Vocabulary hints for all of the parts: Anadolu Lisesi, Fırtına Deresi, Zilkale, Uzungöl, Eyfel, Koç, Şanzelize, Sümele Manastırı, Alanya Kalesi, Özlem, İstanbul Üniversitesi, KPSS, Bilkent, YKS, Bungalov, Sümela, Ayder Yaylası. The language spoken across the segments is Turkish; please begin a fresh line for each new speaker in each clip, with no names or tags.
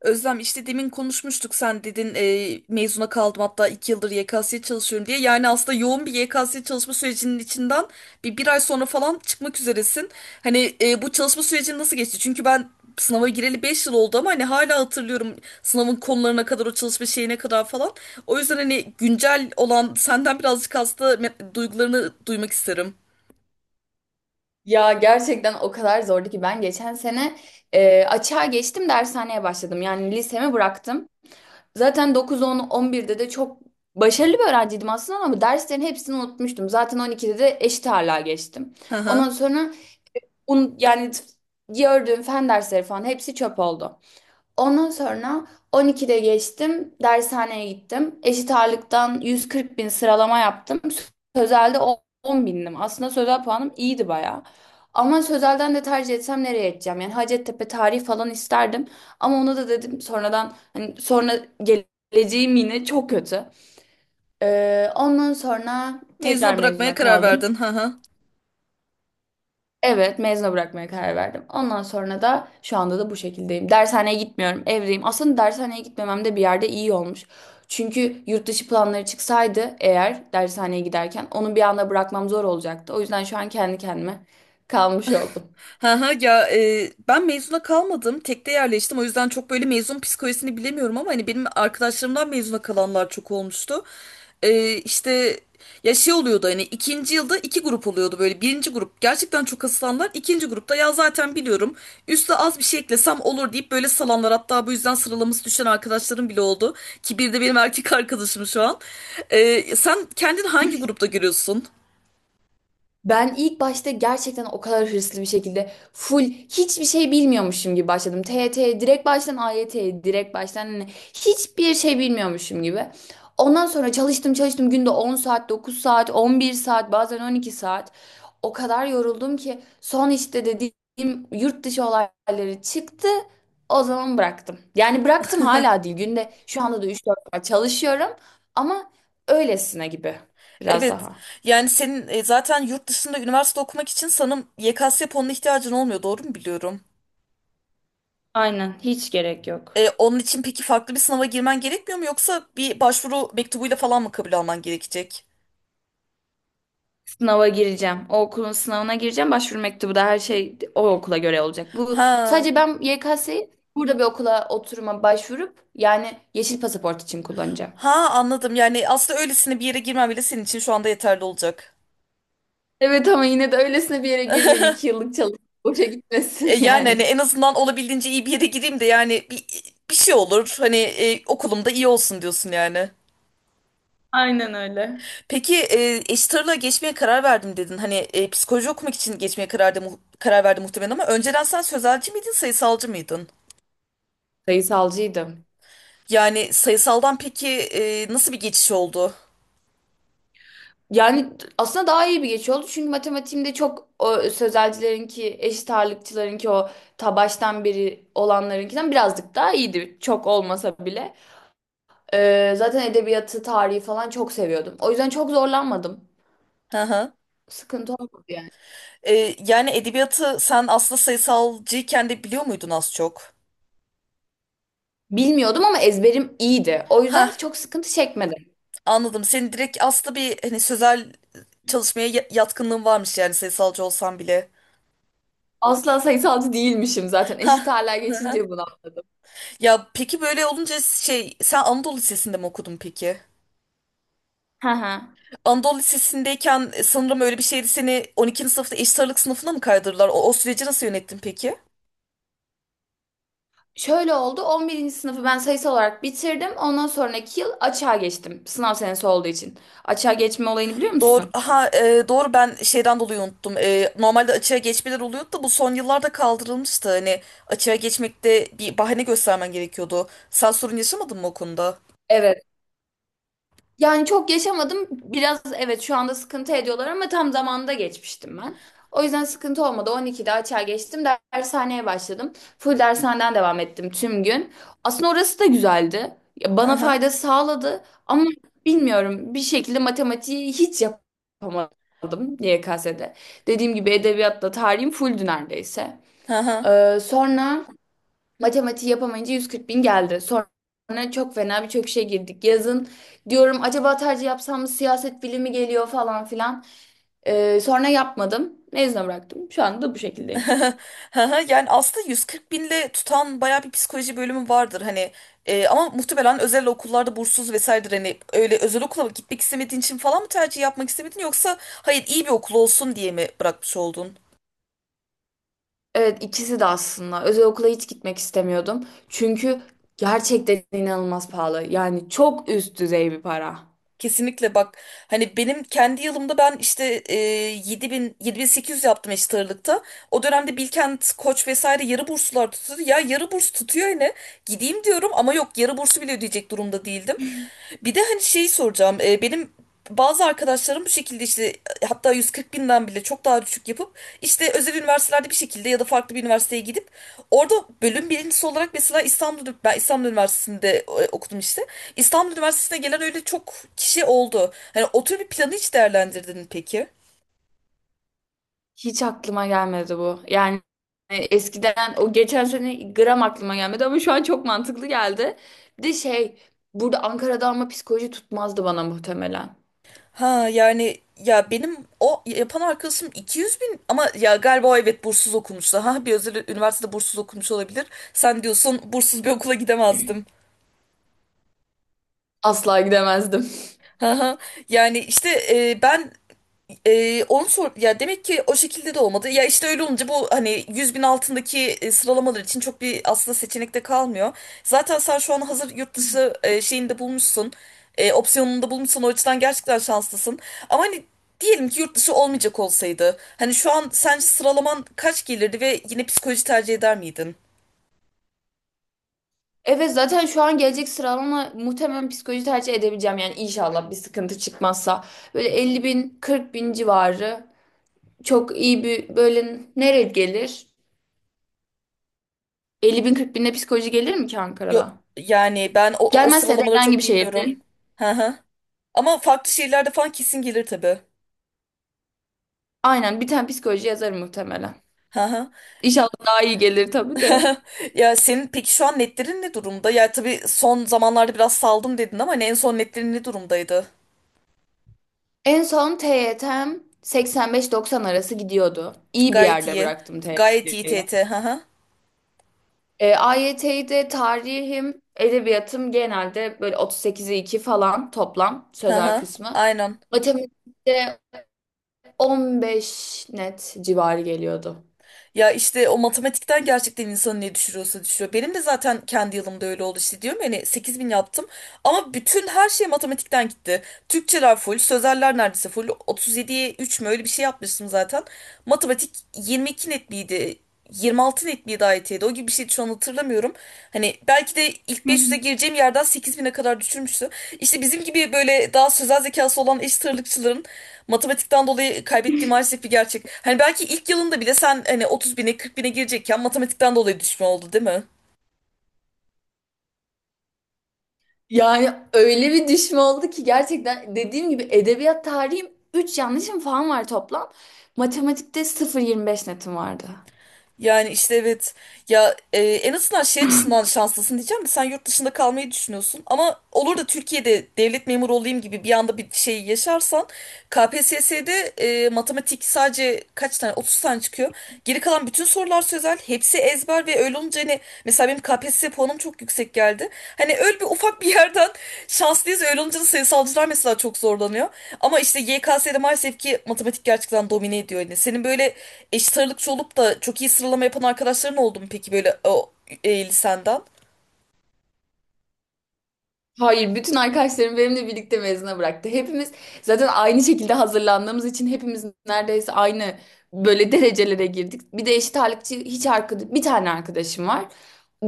Özlem işte demin konuşmuştuk sen dedin mezuna kaldım hatta 2 yıldır YKS'ye çalışıyorum diye. Yani aslında yoğun bir YKS çalışma sürecinin içinden bir ay sonra falan çıkmak üzeresin. Hani bu çalışma süreci nasıl geçti? Çünkü ben sınava gireli 5 yıl oldu ama hani hala hatırlıyorum sınavın konularına kadar o çalışma şeyine kadar falan. O yüzden hani güncel olan senden birazcık duygularını duymak isterim.
Ya gerçekten o kadar zordu ki ben geçen sene açığa geçtim dershaneye başladım. Yani lisemi bıraktım. Zaten 9, 10, 11'de de çok başarılı bir öğrenciydim aslında, ama derslerin hepsini unutmuştum. Zaten 12'de de eşit ağırlığa geçtim.
Hı
Ondan
hı.
sonra yani gördüğüm fen dersleri falan hepsi çöp oldu. Ondan sonra 12'de geçtim, dershaneye gittim. Eşit ağırlıktan 140 bin sıralama yaptım. Sözelde 10 bindim. Aslında sözel puanım iyiydi bayağı. Ama sözelden de tercih etsem nereye edeceğim? Yani Hacettepe tarih falan isterdim. Ama ona da dedim sonradan, hani sonra geleceğim yine çok kötü. Ondan sonra tekrar
Mezuna bırakmaya
mezuna
karar
kaldım.
verdin. Hı hı.
Evet, mezuna bırakmaya karar verdim. Ondan sonra da şu anda da bu şekildeyim. Dershaneye gitmiyorum, evdeyim. Aslında dershaneye gitmemem de bir yerde iyi olmuş. Çünkü yurt dışı planları çıksaydı, eğer dershaneye giderken onu bir anda bırakmam zor olacaktı. O yüzden şu an kendi kendime kalmış oldum.
Ha ha, ya, ben mezuna kalmadım. Tekte yerleştim. O yüzden çok böyle mezun psikolojisini bilemiyorum ama hani benim arkadaşlarımdan mezuna kalanlar çok olmuştu. İşte ya şey oluyordu hani ikinci yılda iki grup oluyordu böyle. Birinci grup gerçekten çok asılanlar. İkinci grupta ya zaten biliyorum. Üste az bir şey eklesem olur deyip böyle salanlar. Hatta bu yüzden sıralaması düşen arkadaşlarım bile oldu. Ki bir de benim erkek arkadaşım şu an. Sen kendini hangi grupta görüyorsun?
Ben ilk başta gerçekten o kadar hırslı bir şekilde, full hiçbir şey bilmiyormuşum gibi başladım. TYT'ye direkt baştan, AYT'ye direkt baştan, hani hiçbir şey bilmiyormuşum gibi. Ondan sonra çalıştım çalıştım, günde 10 saat, 9 saat, 11 saat, bazen 12 saat. O kadar yoruldum ki son işte dediğim yurt dışı olayları çıktı. O zaman bıraktım. Yani bıraktım hala değil. Günde şu anda da üç dört saat çalışıyorum ama öylesine gibi, biraz
Evet.
daha.
Yani senin zaten yurt dışında üniversite okumak için sanırım YKS puanına ihtiyacın olmuyor. Doğru mu biliyorum?
Aynen, hiç gerek yok.
Onun için peki farklı bir sınava girmen gerekmiyor mu yoksa bir başvuru mektubuyla falan mı kabul alman gerekecek?
Sınava gireceğim. O okulun sınavına gireceğim. Başvuru mektubu da her şey o okula göre olacak. Bu
Ha.
sadece ben YKS'yi burada bir okula oturuma başvurup yani yeşil pasaport için kullanacağım.
Ha, anladım. Yani aslında öylesine bir yere girmem bile senin için şu anda yeterli olacak.
Evet, ama yine de öylesine bir yere girmeyeyim. İki yıllık çalışıp boşa gitmesin
Yani hani
yani.
en azından olabildiğince iyi bir yere gireyim de yani bir şey olur. Hani okulumda iyi olsun diyorsun yani.
Aynen öyle.
Peki eşit ağırlığa geçmeye karar verdim dedin. Hani psikoloji okumak için geçmeye karar verdi muhtemelen ama önceden sen sözelci miydin, sayısalcı mıydın?
Sayısalcıydım.
Yani sayısaldan peki nasıl bir geçiş oldu?
Yani aslında daha iyi bir geçiş oldu. Çünkü matematiğimde çok, o sözelcilerinki, eşit ağırlıkçılarınki o ta baştan beri olanlarınkinden birazcık daha iyiydi. Çok olmasa bile. Zaten edebiyatı, tarihi falan çok seviyordum. O yüzden çok zorlanmadım.
Hı hı.
Sıkıntı olmadı yani.
Yani edebiyatı sen aslında sayısalcıyken de biliyor muydun az çok?
Bilmiyordum ama ezberim iyiydi. O yüzden
Ha,
çok sıkıntı çekmedim.
anladım. Senin direkt aslında bir hani sözel çalışmaya yatkınlığın varmış yani sayısalcı olsan bile.
Asla sayısalcı değilmişim zaten. Eşit
Ha.
ağırlığa
Hı hı.
geçince bunu anladım.
Ya peki böyle olunca şey sen Anadolu Lisesi'nde mi okudun peki?
Hı hı.
Anadolu Lisesi'ndeyken sanırım öyle bir şeydi seni 12. sınıfta eşit ağırlık sınıfına mı kaydırdılar? O süreci nasıl yönettin peki?
Şöyle oldu. On birinci sınıfı ben sayısal olarak bitirdim. Ondan sonraki yıl açığa geçtim. Sınav senesi olduğu için. Açığa geçme olayını biliyor
Doğru,
musun?
ha, doğru ben şeyden dolayı unuttum. Normalde açığa geçmeler oluyordu da bu son yıllarda kaldırılmıştı. Hani açığa geçmekte bir bahane göstermen gerekiyordu. Sen sorun yaşamadın mı o konuda?
Evet. Yani çok yaşamadım. Biraz, evet şu anda sıkıntı ediyorlar ama tam zamanında geçmiştim ben. O yüzden sıkıntı olmadı. 12'de açığa geçtim. Dershaneye başladım. Full dershaneden devam ettim tüm gün. Aslında orası da güzeldi. Ya,
Hı
bana
hı.
fayda sağladı ama bilmiyorum, bir şekilde matematiği hiç yapamadım YKS'de. Dediğim gibi edebiyatla tarihim fulldü neredeyse.
Hı hı.
Sonra Matematiği yapamayınca 140 bin geldi. Sonra çok fena birçok şey girdik. Yazın diyorum, acaba tercih yapsam mı, siyaset bilimi geliyor falan filan. Sonra yapmadım. Mezuna bıraktım. Şu anda da bu şekildeyim.
Haha, yani aslında 140 binle tutan bayağı bir psikoloji bölümü vardır hani. Ama muhtemelen özel okullarda bursuz vesairedir hani öyle özel okula mı gitmek istemediğin için falan mı tercih yapmak istemedin yoksa hayır iyi bir okul olsun diye mi bırakmış oldun?
Evet, ikisi de aslında. Özel okula hiç gitmek istemiyordum. Çünkü gerçekten inanılmaz pahalı. Yani çok üst düzey bir para.
Kesinlikle bak hani benim kendi yılımda ben işte 7000 7800 yaptım eşit ağırlıkta. O dönemde Bilkent, Koç vesaire yarı burslar tutuyordu. Ya yarı burs tutuyor yine. Gideyim diyorum ama yok yarı bursu bile ödeyecek durumda değildim. Bir de hani şeyi soracağım. Benim bazı arkadaşlarım bu şekilde işte hatta 140 binden bile çok daha düşük yapıp işte özel üniversitelerde bir şekilde ya da farklı bir üniversiteye gidip orada bölüm birincisi olarak mesela İstanbul, ben İstanbul Üniversitesi'nde okudum işte. İstanbul Üniversitesi'ne gelen öyle çok kişi oldu. Hani o tür bir planı hiç değerlendirdin mi peki?
Hiç aklıma gelmedi bu. Yani eskiden, o geçen sene gram aklıma gelmedi ama şu an çok mantıklı geldi. Bir de şey, burada Ankara'da, ama psikoloji tutmazdı bana muhtemelen.
Ha yani ya benim o yapan arkadaşım 200 bin ama ya galiba o evet bursuz okumuştu. Ha bir özel üniversitede bursuz okumuş olabilir. Sen diyorsun bursuz bir okula gidemezdim.
Asla gidemezdim.
Haha. Yani işte ben onu sor ya demek ki o şekilde de olmadı. Ya işte öyle olunca bu hani 100 bin altındaki sıralamalar için çok bir aslında seçenek de kalmıyor. Zaten sen şu an hazır yurt dışı şeyini de bulmuşsun. Opsiyonunu da bulmuşsun. O açıdan gerçekten şanslısın. Ama hani diyelim ki yurt dışı olmayacak olsaydı. Hani şu an sence sıralaman kaç gelirdi ve yine psikoloji tercih eder miydin?
Evet, zaten şu an gelecek sıralama muhtemelen psikoloji tercih edebileceğim. Yani inşallah bir sıkıntı çıkmazsa. Böyle 50 bin 40 bin civarı, çok iyi bir, böyle nereye gelir? 50 bin 40 binde psikoloji gelir mi ki
Yo,
Ankara'da?
yani ben o
Gelmezse de
sıralamaları
herhangi
çok
bir
bilmiyorum.
şehirde.
Hı hı. Ama farklı şehirlerde falan kesin gelir tabii.
Aynen, bir tane psikoloji yazarım muhtemelen.
Hı hı.
İnşallah daha iyi gelir tabii de.
Ya senin peki şu an netlerin ne durumda? Ya tabii son zamanlarda biraz saldım dedin ama hani en son netlerin ne durumdaydı?
En son TYT'm 85-90 arası gidiyordu. İyi bir
Gayet
yerde
iyi.
bıraktım
Gayet iyi
TYT'yi.
TT. Hı hı.
AYT'yi de, tarihim, edebiyatım, genelde böyle 38'e 2 falan toplam
Hı
sözel
hı.
kısmı.
Aynen.
Matematikte 15 net civarı geliyordu.
Ya işte o matematikten gerçekten insanı ne düşürüyorsa düşürüyor. Benim de zaten kendi yılımda öyle oldu işte diyorum yani 8 bin yaptım ama bütün her şey matematikten gitti. Türkçeler full, sözeller neredeyse full. 37'ye 3 mü öyle bir şey yapmıştım zaten. Matematik 22 net miydi? 26 net miydi IT'de? O gibi bir şeydi şu an hatırlamıyorum. Hani belki de ilk
Hı
500'e
hı.
gireceğim yerden 8000'e kadar düşürmüştü. İşte bizim gibi böyle daha sözel zekası olan eşit ağırlıkçıların matematikten dolayı kaybettiği maalesef bir gerçek. Hani belki ilk yılında bile sen hani 30 bine 40 bine girecekken matematikten dolayı düşme oldu değil mi?
Yani öyle bir düşme oldu ki gerçekten, dediğim gibi edebiyat tarihim 3 yanlışım falan var toplam. Matematikte 0,25 netim vardı.
Yani işte evet, en azından şey açısından şanslısın diyeceğim de sen yurt dışında kalmayı düşünüyorsun ama olur da Türkiye'de devlet memuru olayım gibi bir anda bir şey yaşarsan KPSS'de matematik sadece kaç tane 30 tane çıkıyor. Geri kalan bütün sorular sözel hepsi ezber ve olunca hani mesela benim KPSS puanım çok yüksek geldi. Hani öyle bir ufak bir yerden şanslıyız. Öyle olunca da sayısalcılar mesela çok zorlanıyor. Ama işte YKS'de maalesef ki matematik gerçekten domine ediyor. Yani senin böyle eşit ağırlıkçı olup da çok iyi sıralama yapan arkadaşların oldu mu peki böyle o lisenden?
Hayır, bütün arkadaşlarım benimle birlikte mezuna bıraktı. Hepimiz zaten aynı şekilde hazırlandığımız için hepimiz neredeyse aynı böyle derecelere girdik. Bir de eşit ağırlıkçı hiç arkadaş, bir tane arkadaşım var.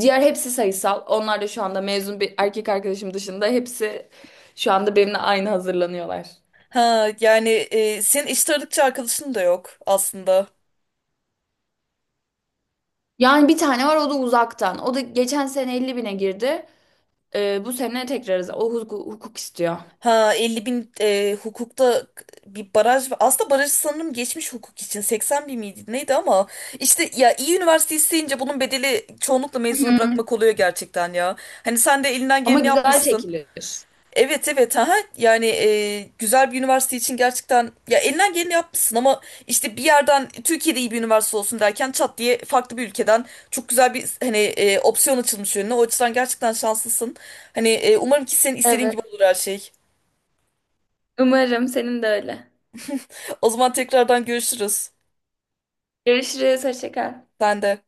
Diğer hepsi sayısal. Onlar da şu anda, mezun bir erkek arkadaşım dışında, hepsi şu anda benimle aynı hazırlanıyorlar.
Ha yani senin eşit ağırlıkçı arkadaşın da yok aslında.
Yani bir tane var, o da uzaktan. O da geçen sene 50 bine girdi. Bu sene tekrar o hukuk, hukuk istiyor.
Ha 50 bin, hukukta bir baraj var. Aslında barajı sanırım geçmiş hukuk için 80 bin miydi neydi ama işte ya iyi üniversite isteyince bunun bedeli çoğunlukla
Hı
mezunu
hı.
bırakmak oluyor gerçekten ya. Hani sen de elinden
Ama
geleni
güzel
yapmışsın.
çekilir.
Evet evet, ha, yani güzel bir üniversite için gerçekten ya elinden geleni yapmışsın ama işte bir yerden Türkiye'de iyi bir üniversite olsun derken çat diye farklı bir ülkeden çok güzel bir hani opsiyon açılmış önüne. O açıdan gerçekten şanslısın. Hani umarım ki senin istediğin
Evet.
gibi olur her şey.
Umarım senin de öyle.
O zaman tekrardan görüşürüz.
Görüşürüz. Hoşça kal.
Sen de.